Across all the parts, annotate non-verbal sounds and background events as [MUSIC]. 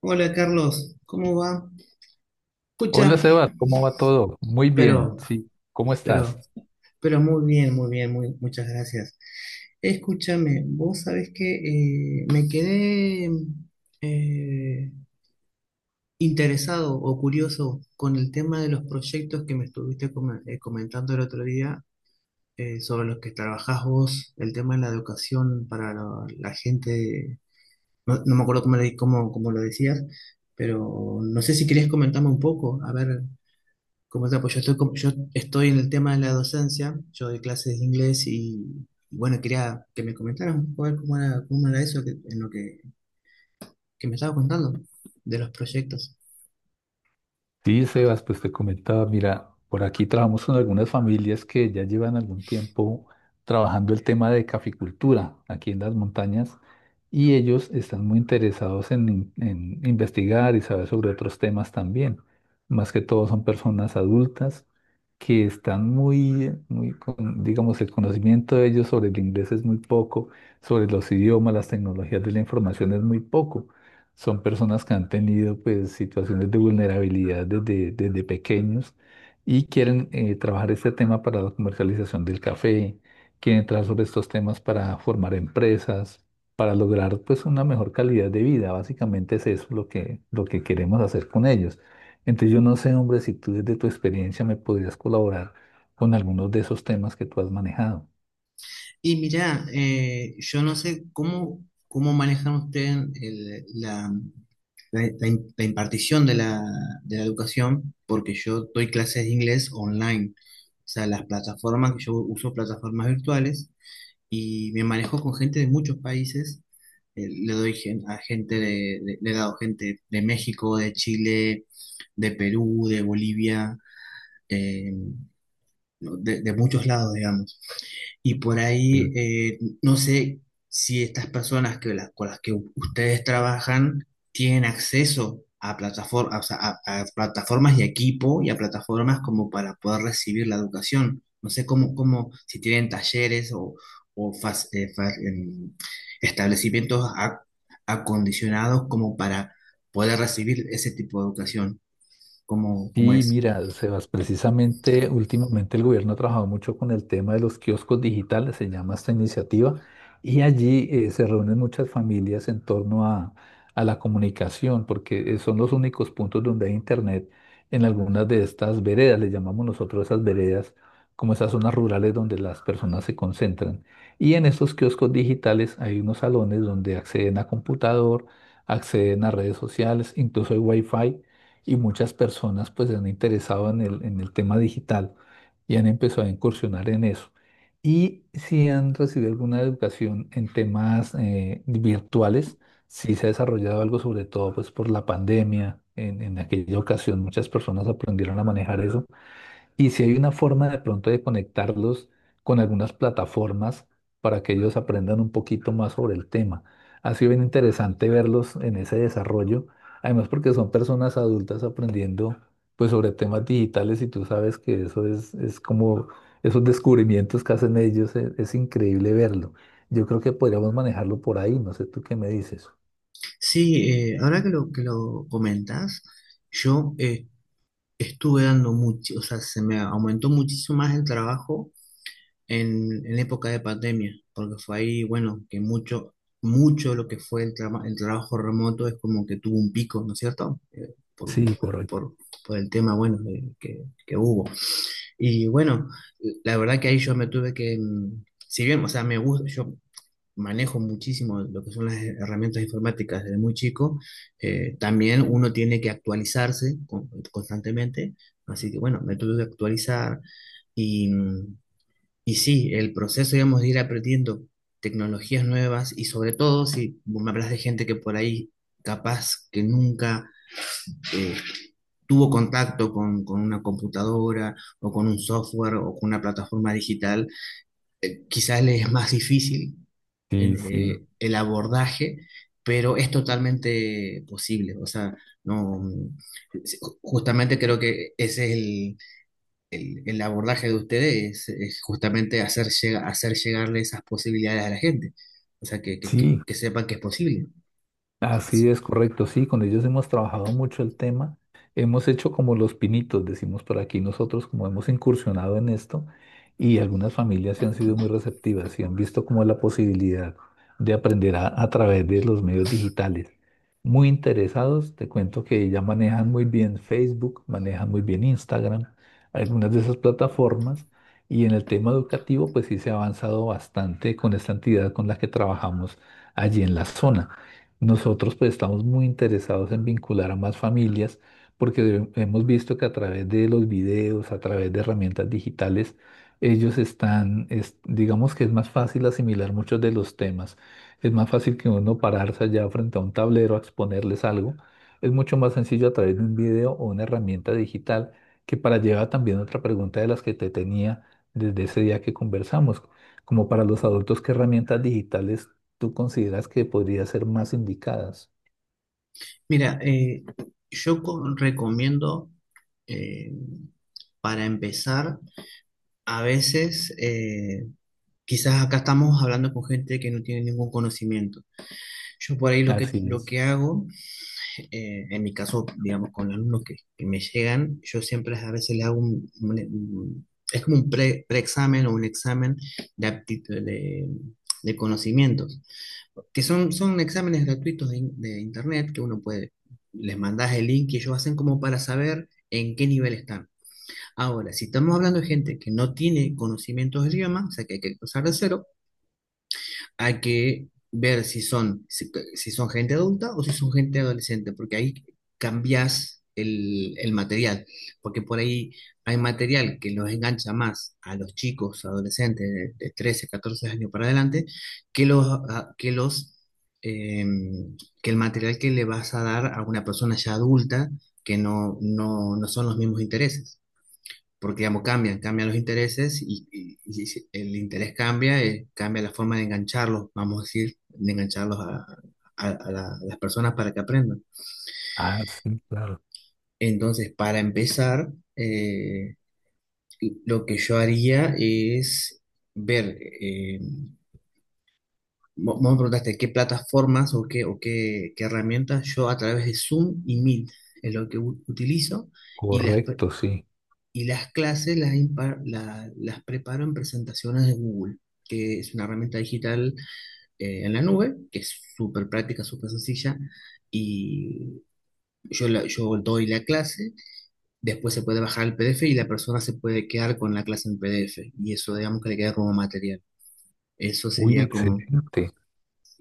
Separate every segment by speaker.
Speaker 1: Hola Carlos, ¿cómo va? Escucha,
Speaker 2: Hola Sebas, ¿cómo va todo? Muy bien,
Speaker 1: pero,
Speaker 2: sí, ¿cómo estás?
Speaker 1: pero, pero muy bien, muchas gracias. Escúchame, vos sabés que me quedé eh, interesado o curioso con el tema de los proyectos que me estuviste comentando el otro día, sobre los que trabajás vos, el tema de la educación para la gente. No me acuerdo cómo, cómo, cómo lo decías, pero no sé si querés comentarme un poco, a ver. Como tal, pues yo estoy, yo estoy en el tema de la docencia, yo doy clases de inglés y bueno, quería que me comentaras un poco a ver cómo era eso que, en lo que me estaba contando de los proyectos.
Speaker 2: Sí, Sebas, pues te comentaba, mira, por aquí trabajamos con algunas familias que ya llevan algún tiempo trabajando el tema de caficultura aquí en las montañas y ellos están muy interesados en investigar y saber sobre otros temas también. Más que todo son personas adultas que están muy, digamos, el conocimiento de ellos sobre el inglés es muy poco, sobre los idiomas, las tecnologías de la información es muy poco. Son personas que han tenido pues situaciones de vulnerabilidad desde pequeños y quieren trabajar este tema para la comercialización del café, quieren trabajar sobre estos temas para formar empresas, para lograr pues una mejor calidad de vida. Básicamente es eso lo que queremos hacer con ellos. Entonces yo no sé, hombre, si tú desde tu experiencia me podrías colaborar con algunos de esos temas que tú has manejado.
Speaker 1: Y mirá, yo no sé cómo, cómo manejan ustedes la impartición de la educación, porque yo doy clases de inglés online. O sea, las plataformas que yo uso, plataformas virtuales, y me manejo con gente de muchos países. A gente, le he dado gente de México, de Chile, de Perú, de Bolivia, eh, no, de muchos lados, digamos. Y por ahí, no sé si estas personas con las que ustedes trabajan tienen acceso a, platafor o sea, a plataformas y equipo y a plataformas como para poder recibir la educación. No sé cómo, cómo, si tienen talleres o, o fas- eh, fa- em, establecimientos acondicionados como para poder recibir ese tipo de educación. ¿Cómo, cómo
Speaker 2: Sí,
Speaker 1: es?
Speaker 2: mira, Sebas, precisamente últimamente el gobierno ha trabajado mucho con el tema de los kioscos digitales, se llama esta iniciativa, y allí se reúnen muchas familias en torno a la comunicación, porque son los únicos puntos donde hay internet en algunas de estas veredas, le llamamos nosotros esas veredas, como esas zonas rurales donde las personas se concentran. Y en estos kioscos digitales hay unos salones donde acceden a computador, acceden a redes sociales, incluso hay wifi y muchas personas pues se han interesado en el tema digital y han empezado a incursionar en eso. Y si han recibido alguna educación en temas virtuales, sí se ha desarrollado algo, sobre todo pues por la pandemia. En aquella ocasión muchas personas aprendieron a manejar eso y si hay una forma de pronto de conectarlos con algunas plataformas para que ellos aprendan un poquito más sobre el tema. Ha sido bien interesante verlos en ese desarrollo, además porque son personas adultas aprendiendo pues sobre temas digitales y tú sabes que eso es como esos descubrimientos que hacen ellos, increíble verlo. Yo creo que podríamos manejarlo por ahí, no sé tú qué me dices.
Speaker 1: Sí, ahora que lo comentas, yo estuve dando mucho, o sea, se me aumentó muchísimo más el trabajo en época de pandemia, porque fue ahí, bueno, que mucho lo que fue el, el trabajo remoto es como que tuvo un pico, ¿no es cierto?
Speaker 2: Sí, correcto.
Speaker 1: Por, por el tema, bueno, que hubo. Y bueno, la verdad que ahí yo me tuve que, si bien, o sea, me gusta, yo manejo muchísimo lo que son las herramientas informáticas desde muy chico. También uno tiene que actualizarse constantemente, así que bueno, me tuve que actualizar y, y sí, el proceso, digamos, de ir aprendiendo tecnologías nuevas. Y sobre todo si vos me hablas de gente que por ahí capaz que nunca eh, tuvo contacto con una computadora o con un software o con una plataforma digital, quizás les es más difícil
Speaker 2: Sí, sí.
Speaker 1: el abordaje, pero es totalmente posible. O sea, no, justamente creo que ese es el abordaje de ustedes, es justamente hacer, hacer llegarle esas posibilidades a la gente. O sea,
Speaker 2: Sí,
Speaker 1: que sepan que es posible.
Speaker 2: así
Speaker 1: Así.
Speaker 2: es, correcto, sí, con ellos hemos trabajado mucho el tema, hemos hecho como los pinitos, decimos por aquí nosotros, como hemos incursionado en esto y algunas familias se han sido muy receptivas y han visto como la posibilidad de aprender a través de los medios digitales. Muy interesados, te cuento que ya manejan muy bien Facebook, manejan muy bien Instagram, algunas de esas plataformas y en el tema educativo pues sí se ha avanzado bastante con esta entidad con la que trabajamos allí en la zona. Nosotros pues estamos muy interesados en vincular a más familias porque hemos visto que a través de los videos, a través de herramientas digitales, ellos están, digamos que es más fácil asimilar muchos de los temas. Es más fácil que uno pararse allá frente a un tablero a exponerles algo. Es mucho más sencillo a través de un video o una herramienta digital, que para llevar también otra pregunta de las que te tenía desde ese día que conversamos, como para los adultos, ¿qué herramientas digitales tú consideras que podrían ser más indicadas?
Speaker 1: Mira, yo recomiendo, eh, para empezar, a veces, quizás acá estamos hablando con gente que no tiene ningún conocimiento. Yo por ahí
Speaker 2: Así
Speaker 1: lo
Speaker 2: es.
Speaker 1: que hago, en mi caso, digamos, con los alumnos que me llegan, yo siempre a veces les hago es como un preexamen o un examen de aptitud, de conocimientos, que son, son exámenes gratuitos de internet que uno puede, les mandas el link y ellos hacen como para saber en qué nivel están. Ahora, si estamos hablando de gente que no tiene conocimientos de idioma, o sea, que hay que empezar de cero, hay que ver si son, si, si son gente adulta o si son gente adolescente, porque ahí cambias el material, porque por ahí hay material que los engancha más a los chicos, adolescentes de 13, 14 años para adelante, que los, a- que los, eh, que el material que le vas a dar a una persona ya adulta, que no, no, no son los mismos intereses porque digamos, cambian, cambian los intereses. Y, y si el interés cambia, cambia la forma de engancharlos, vamos a decir, de engancharlos a, a las personas para que aprendan.
Speaker 2: Ah, sí, claro.
Speaker 1: Entonces, para empezar, eh, lo que yo haría es ver, vos me preguntaste qué plataformas qué herramientas. Yo a través de Zoom y Meet es lo que utilizo. Y las,
Speaker 2: Correcto, sí.
Speaker 1: Y las clases las, las preparo en presentaciones de Google, que es una herramienta digital en la nube, que es súper práctica, súper sencilla. Y yo, yo doy la clase, después se puede bajar el PDF y la persona se puede quedar con la clase en PDF. Y eso, digamos que le queda como material. Eso
Speaker 2: Uy,
Speaker 1: sería como,
Speaker 2: excelente.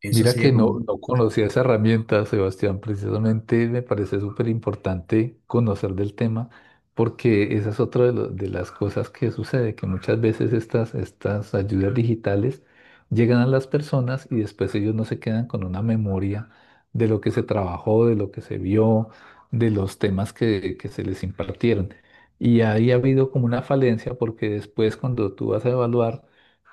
Speaker 1: eso
Speaker 2: Mira
Speaker 1: sería
Speaker 2: que
Speaker 1: como,
Speaker 2: no, no conocía esa herramienta, Sebastián. Precisamente me parece súper importante conocer del tema, porque esa es otra de las cosas que sucede, que muchas veces estas ayudas digitales llegan a las personas y después ellos no se quedan con una memoria de lo que se trabajó, de lo que se vio, de los temas que se les impartieron. Y ahí ha habido como una falencia, porque después cuando tú vas a evaluar,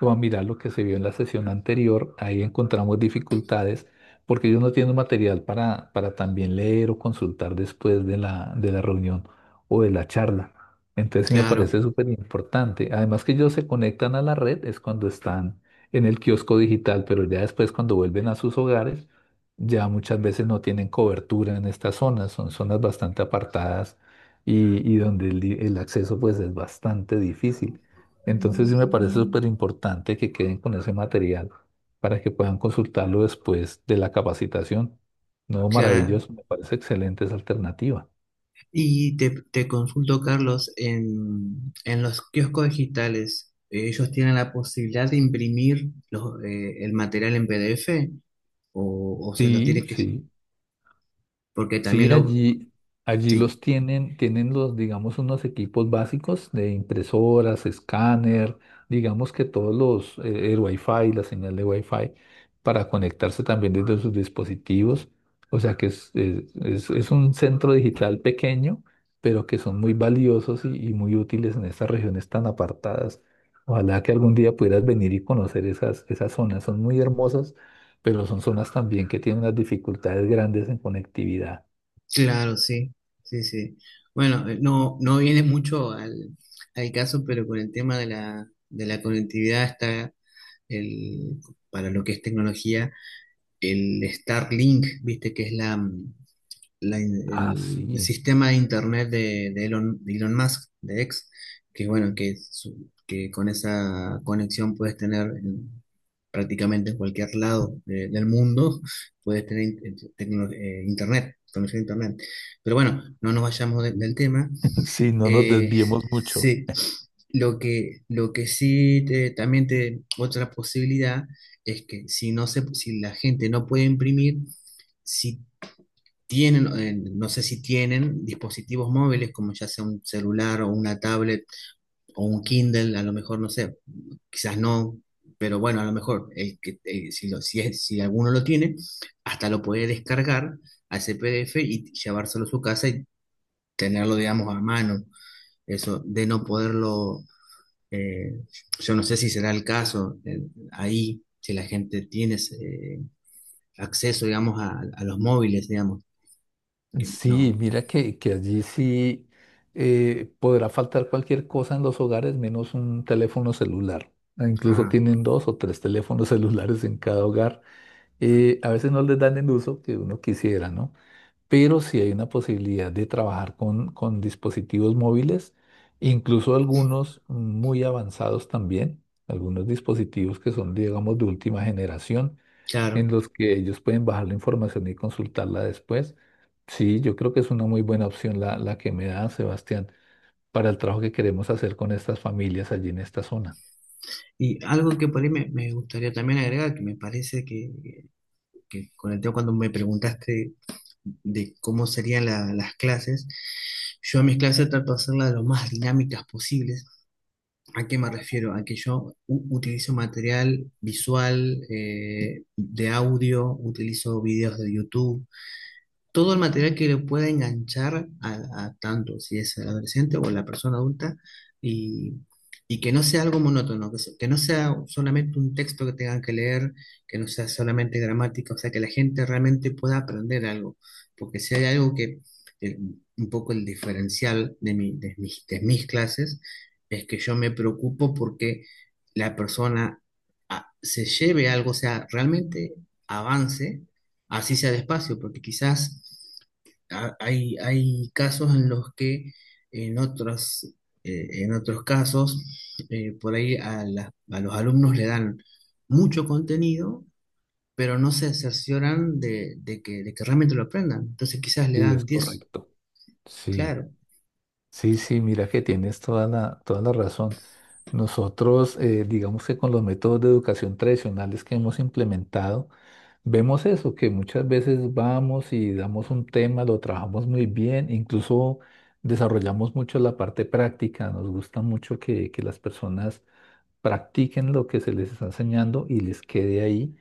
Speaker 2: vamos a mirar lo que se vio en la sesión anterior, ahí encontramos dificultades porque ellos no tienen material para también leer o consultar después de de la reunión o de la charla. Entonces sí me
Speaker 1: claro,
Speaker 2: parece súper importante. Además que ellos se conectan a la red es cuando están en el kiosco digital, pero ya después cuando vuelven a sus hogares, ya muchas veces no tienen cobertura en estas zonas, son zonas bastante apartadas y donde el acceso pues es bastante difícil. Entonces sí me parece súper importante que queden con ese material para que puedan consultarlo después de la capacitación. No,
Speaker 1: claro.
Speaker 2: maravilloso, me parece excelente esa alternativa.
Speaker 1: Y te consulto, Carlos, en los kioscos digitales, ¿ellos tienen la posibilidad de imprimir los, el material en PDF o se lo
Speaker 2: Sí,
Speaker 1: tienen que...?
Speaker 2: sí.
Speaker 1: Porque
Speaker 2: Sí,
Speaker 1: también lo...
Speaker 2: allí
Speaker 1: Sí,
Speaker 2: los tienen, tienen los, digamos, unos equipos básicos de impresoras, escáner, digamos que todos los, el Wi-Fi, la señal de Wi-Fi, para conectarse también desde sus dispositivos. O sea que es un centro digital pequeño, pero que son muy valiosos y muy útiles en estas regiones tan apartadas. Ojalá que algún día pudieras venir y conocer esas zonas. Son muy hermosas, pero son zonas también que tienen unas dificultades grandes en conectividad.
Speaker 1: claro, sí, sí, sí. Bueno, no, no viene mucho al caso, pero con el tema de la conectividad está el, para lo que es tecnología, el Starlink, viste que es la... la
Speaker 2: Ah,
Speaker 1: el
Speaker 2: sí.
Speaker 1: sistema de internet de Elon Musk, de X, que bueno, que con esa conexión puedes tener prácticamente en cualquier lado del mundo, puedes tener internet, conexión a internet. Pero bueno, no nos vayamos del
Speaker 2: [LAUGHS]
Speaker 1: tema.
Speaker 2: Sí, no nos
Speaker 1: Eh,
Speaker 2: desviemos mucho.
Speaker 1: sí, lo que sí también te, otra posibilidad es que si no se, si la gente no puede imprimir, si tienen, no sé si tienen dispositivos móviles como ya sea un celular o una tablet o un Kindle, a lo mejor. No sé, quizás no, pero bueno, a lo mejor el que, si alguno lo tiene, hasta lo puede descargar a ese PDF y llevárselo a su casa y tenerlo, digamos, a mano. Eso de no poderlo, eh, yo no sé si será el caso ahí, si la gente tiene acceso, digamos, a los móviles, digamos, no.
Speaker 2: Sí, mira que allí sí podrá faltar cualquier cosa en los hogares menos un teléfono celular. Ah, incluso
Speaker 1: Ah,
Speaker 2: tienen dos o tres teléfonos [LAUGHS] celulares en cada hogar. A veces no les dan el uso que uno quisiera, ¿no? Pero sí hay una posibilidad de trabajar con dispositivos móviles, incluso algunos muy avanzados también, algunos dispositivos que son, digamos, de última generación
Speaker 1: claro.
Speaker 2: en los que ellos pueden bajar la información y consultarla después. Sí, yo creo que es una muy buena opción la que me da Sebastián para el trabajo que queremos hacer con estas familias allí en esta zona.
Speaker 1: Y algo que por ahí me, me gustaría también agregar, que me parece que con el tema, cuando me preguntaste de cómo serían las clases, yo a mis clases trato de hacerlas lo más dinámicas posibles. ¿A qué me refiero? A que yo utilizo material visual, de audio, utilizo videos de YouTube, todo el material que le pueda enganchar a tanto si es el adolescente o la persona adulta. Y, y que no sea algo monótono, que no sea solamente un texto que tengan que leer, que no sea solamente gramática, o sea, que la gente realmente pueda aprender algo, porque si hay algo que el- un poco el diferencial de, de mis clases, es que yo me preocupo porque la persona se lleve algo, o sea, realmente avance, así sea despacio, porque quizás hay casos en los que en otros, en otros casos, por ahí a, a los alumnos le dan mucho contenido, pero no se cercioran de que realmente lo aprendan. Entonces quizás le
Speaker 2: Sí, es
Speaker 1: dan 10
Speaker 2: correcto. Sí.
Speaker 1: claro.
Speaker 2: Sí, sí, mira que tienes toda la razón. Nosotros, digamos que con los métodos de educación tradicionales que hemos implementado, vemos eso, que muchas veces vamos y damos un tema, lo trabajamos muy bien, incluso desarrollamos mucho la parte práctica, nos gusta mucho que las personas practiquen lo que se les está enseñando y les quede ahí.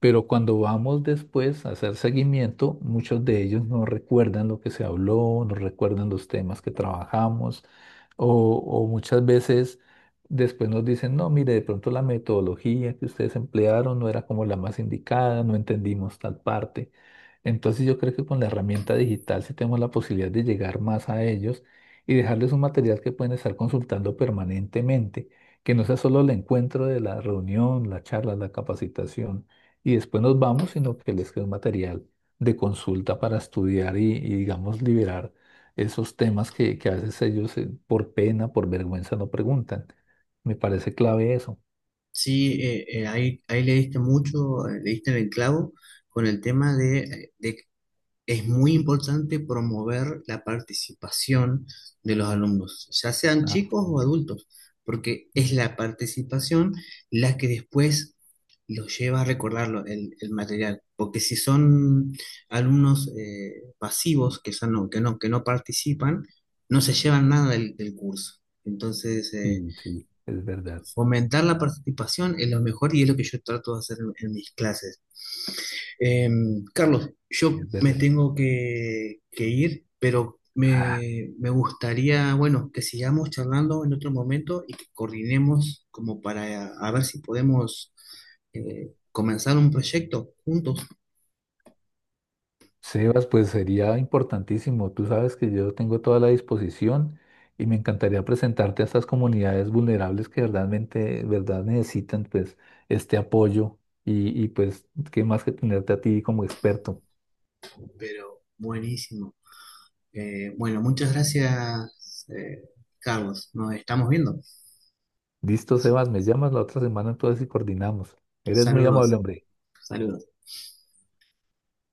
Speaker 2: Pero cuando vamos después a hacer seguimiento, muchos de ellos no recuerdan lo que se habló, no recuerdan los temas que trabajamos o, o muchas veces después nos dicen, no, mire, de pronto la metodología que ustedes emplearon no era como la más indicada, no entendimos tal parte. Entonces yo creo que con la herramienta digital sí tenemos la posibilidad de llegar más a ellos y dejarles un material que pueden estar consultando permanentemente, que no sea solo el encuentro de la reunión, la charla, la capacitación, y después nos vamos, sino que les quede un material de consulta para estudiar y, digamos, liberar esos temas que a veces ellos por pena, por vergüenza no preguntan. Me parece clave eso.
Speaker 1: Sí, ahí, ahí le diste mucho, le diste en el clavo con el tema de, es muy importante promover la participación de los alumnos, ya sean
Speaker 2: Ah,
Speaker 1: chicos o
Speaker 2: sí,
Speaker 1: adultos, porque es la participación la que después los lleva a recordarlo, el material. Porque si son alumnos pasivos, que no participan, no se llevan nada del, del curso. Entonces,
Speaker 2: sí, sí, es verdad,
Speaker 1: fomentar la participación es lo mejor y es lo que yo trato de hacer en mis clases. Eh, Carlos,
Speaker 2: sí,
Speaker 1: yo
Speaker 2: es
Speaker 1: me
Speaker 2: verdad.
Speaker 1: tengo que ir, pero
Speaker 2: Ah,
Speaker 1: me gustaría, bueno, que sigamos charlando en otro momento y que coordinemos como para a ver si podemos comenzar un proyecto juntos,
Speaker 2: Sebas, pues sería importantísimo. Tú sabes que yo tengo toda la disposición y me encantaría presentarte a estas comunidades vulnerables que verdaderamente, verdad necesitan pues este apoyo y pues qué más que tenerte a ti como experto.
Speaker 1: pero buenísimo. Bueno, muchas gracias, Carlos. Nos estamos viendo.
Speaker 2: Listo, Sebas, me llamas la otra semana entonces y coordinamos. Eres muy amable,
Speaker 1: Saludos,
Speaker 2: hombre.
Speaker 1: saludos.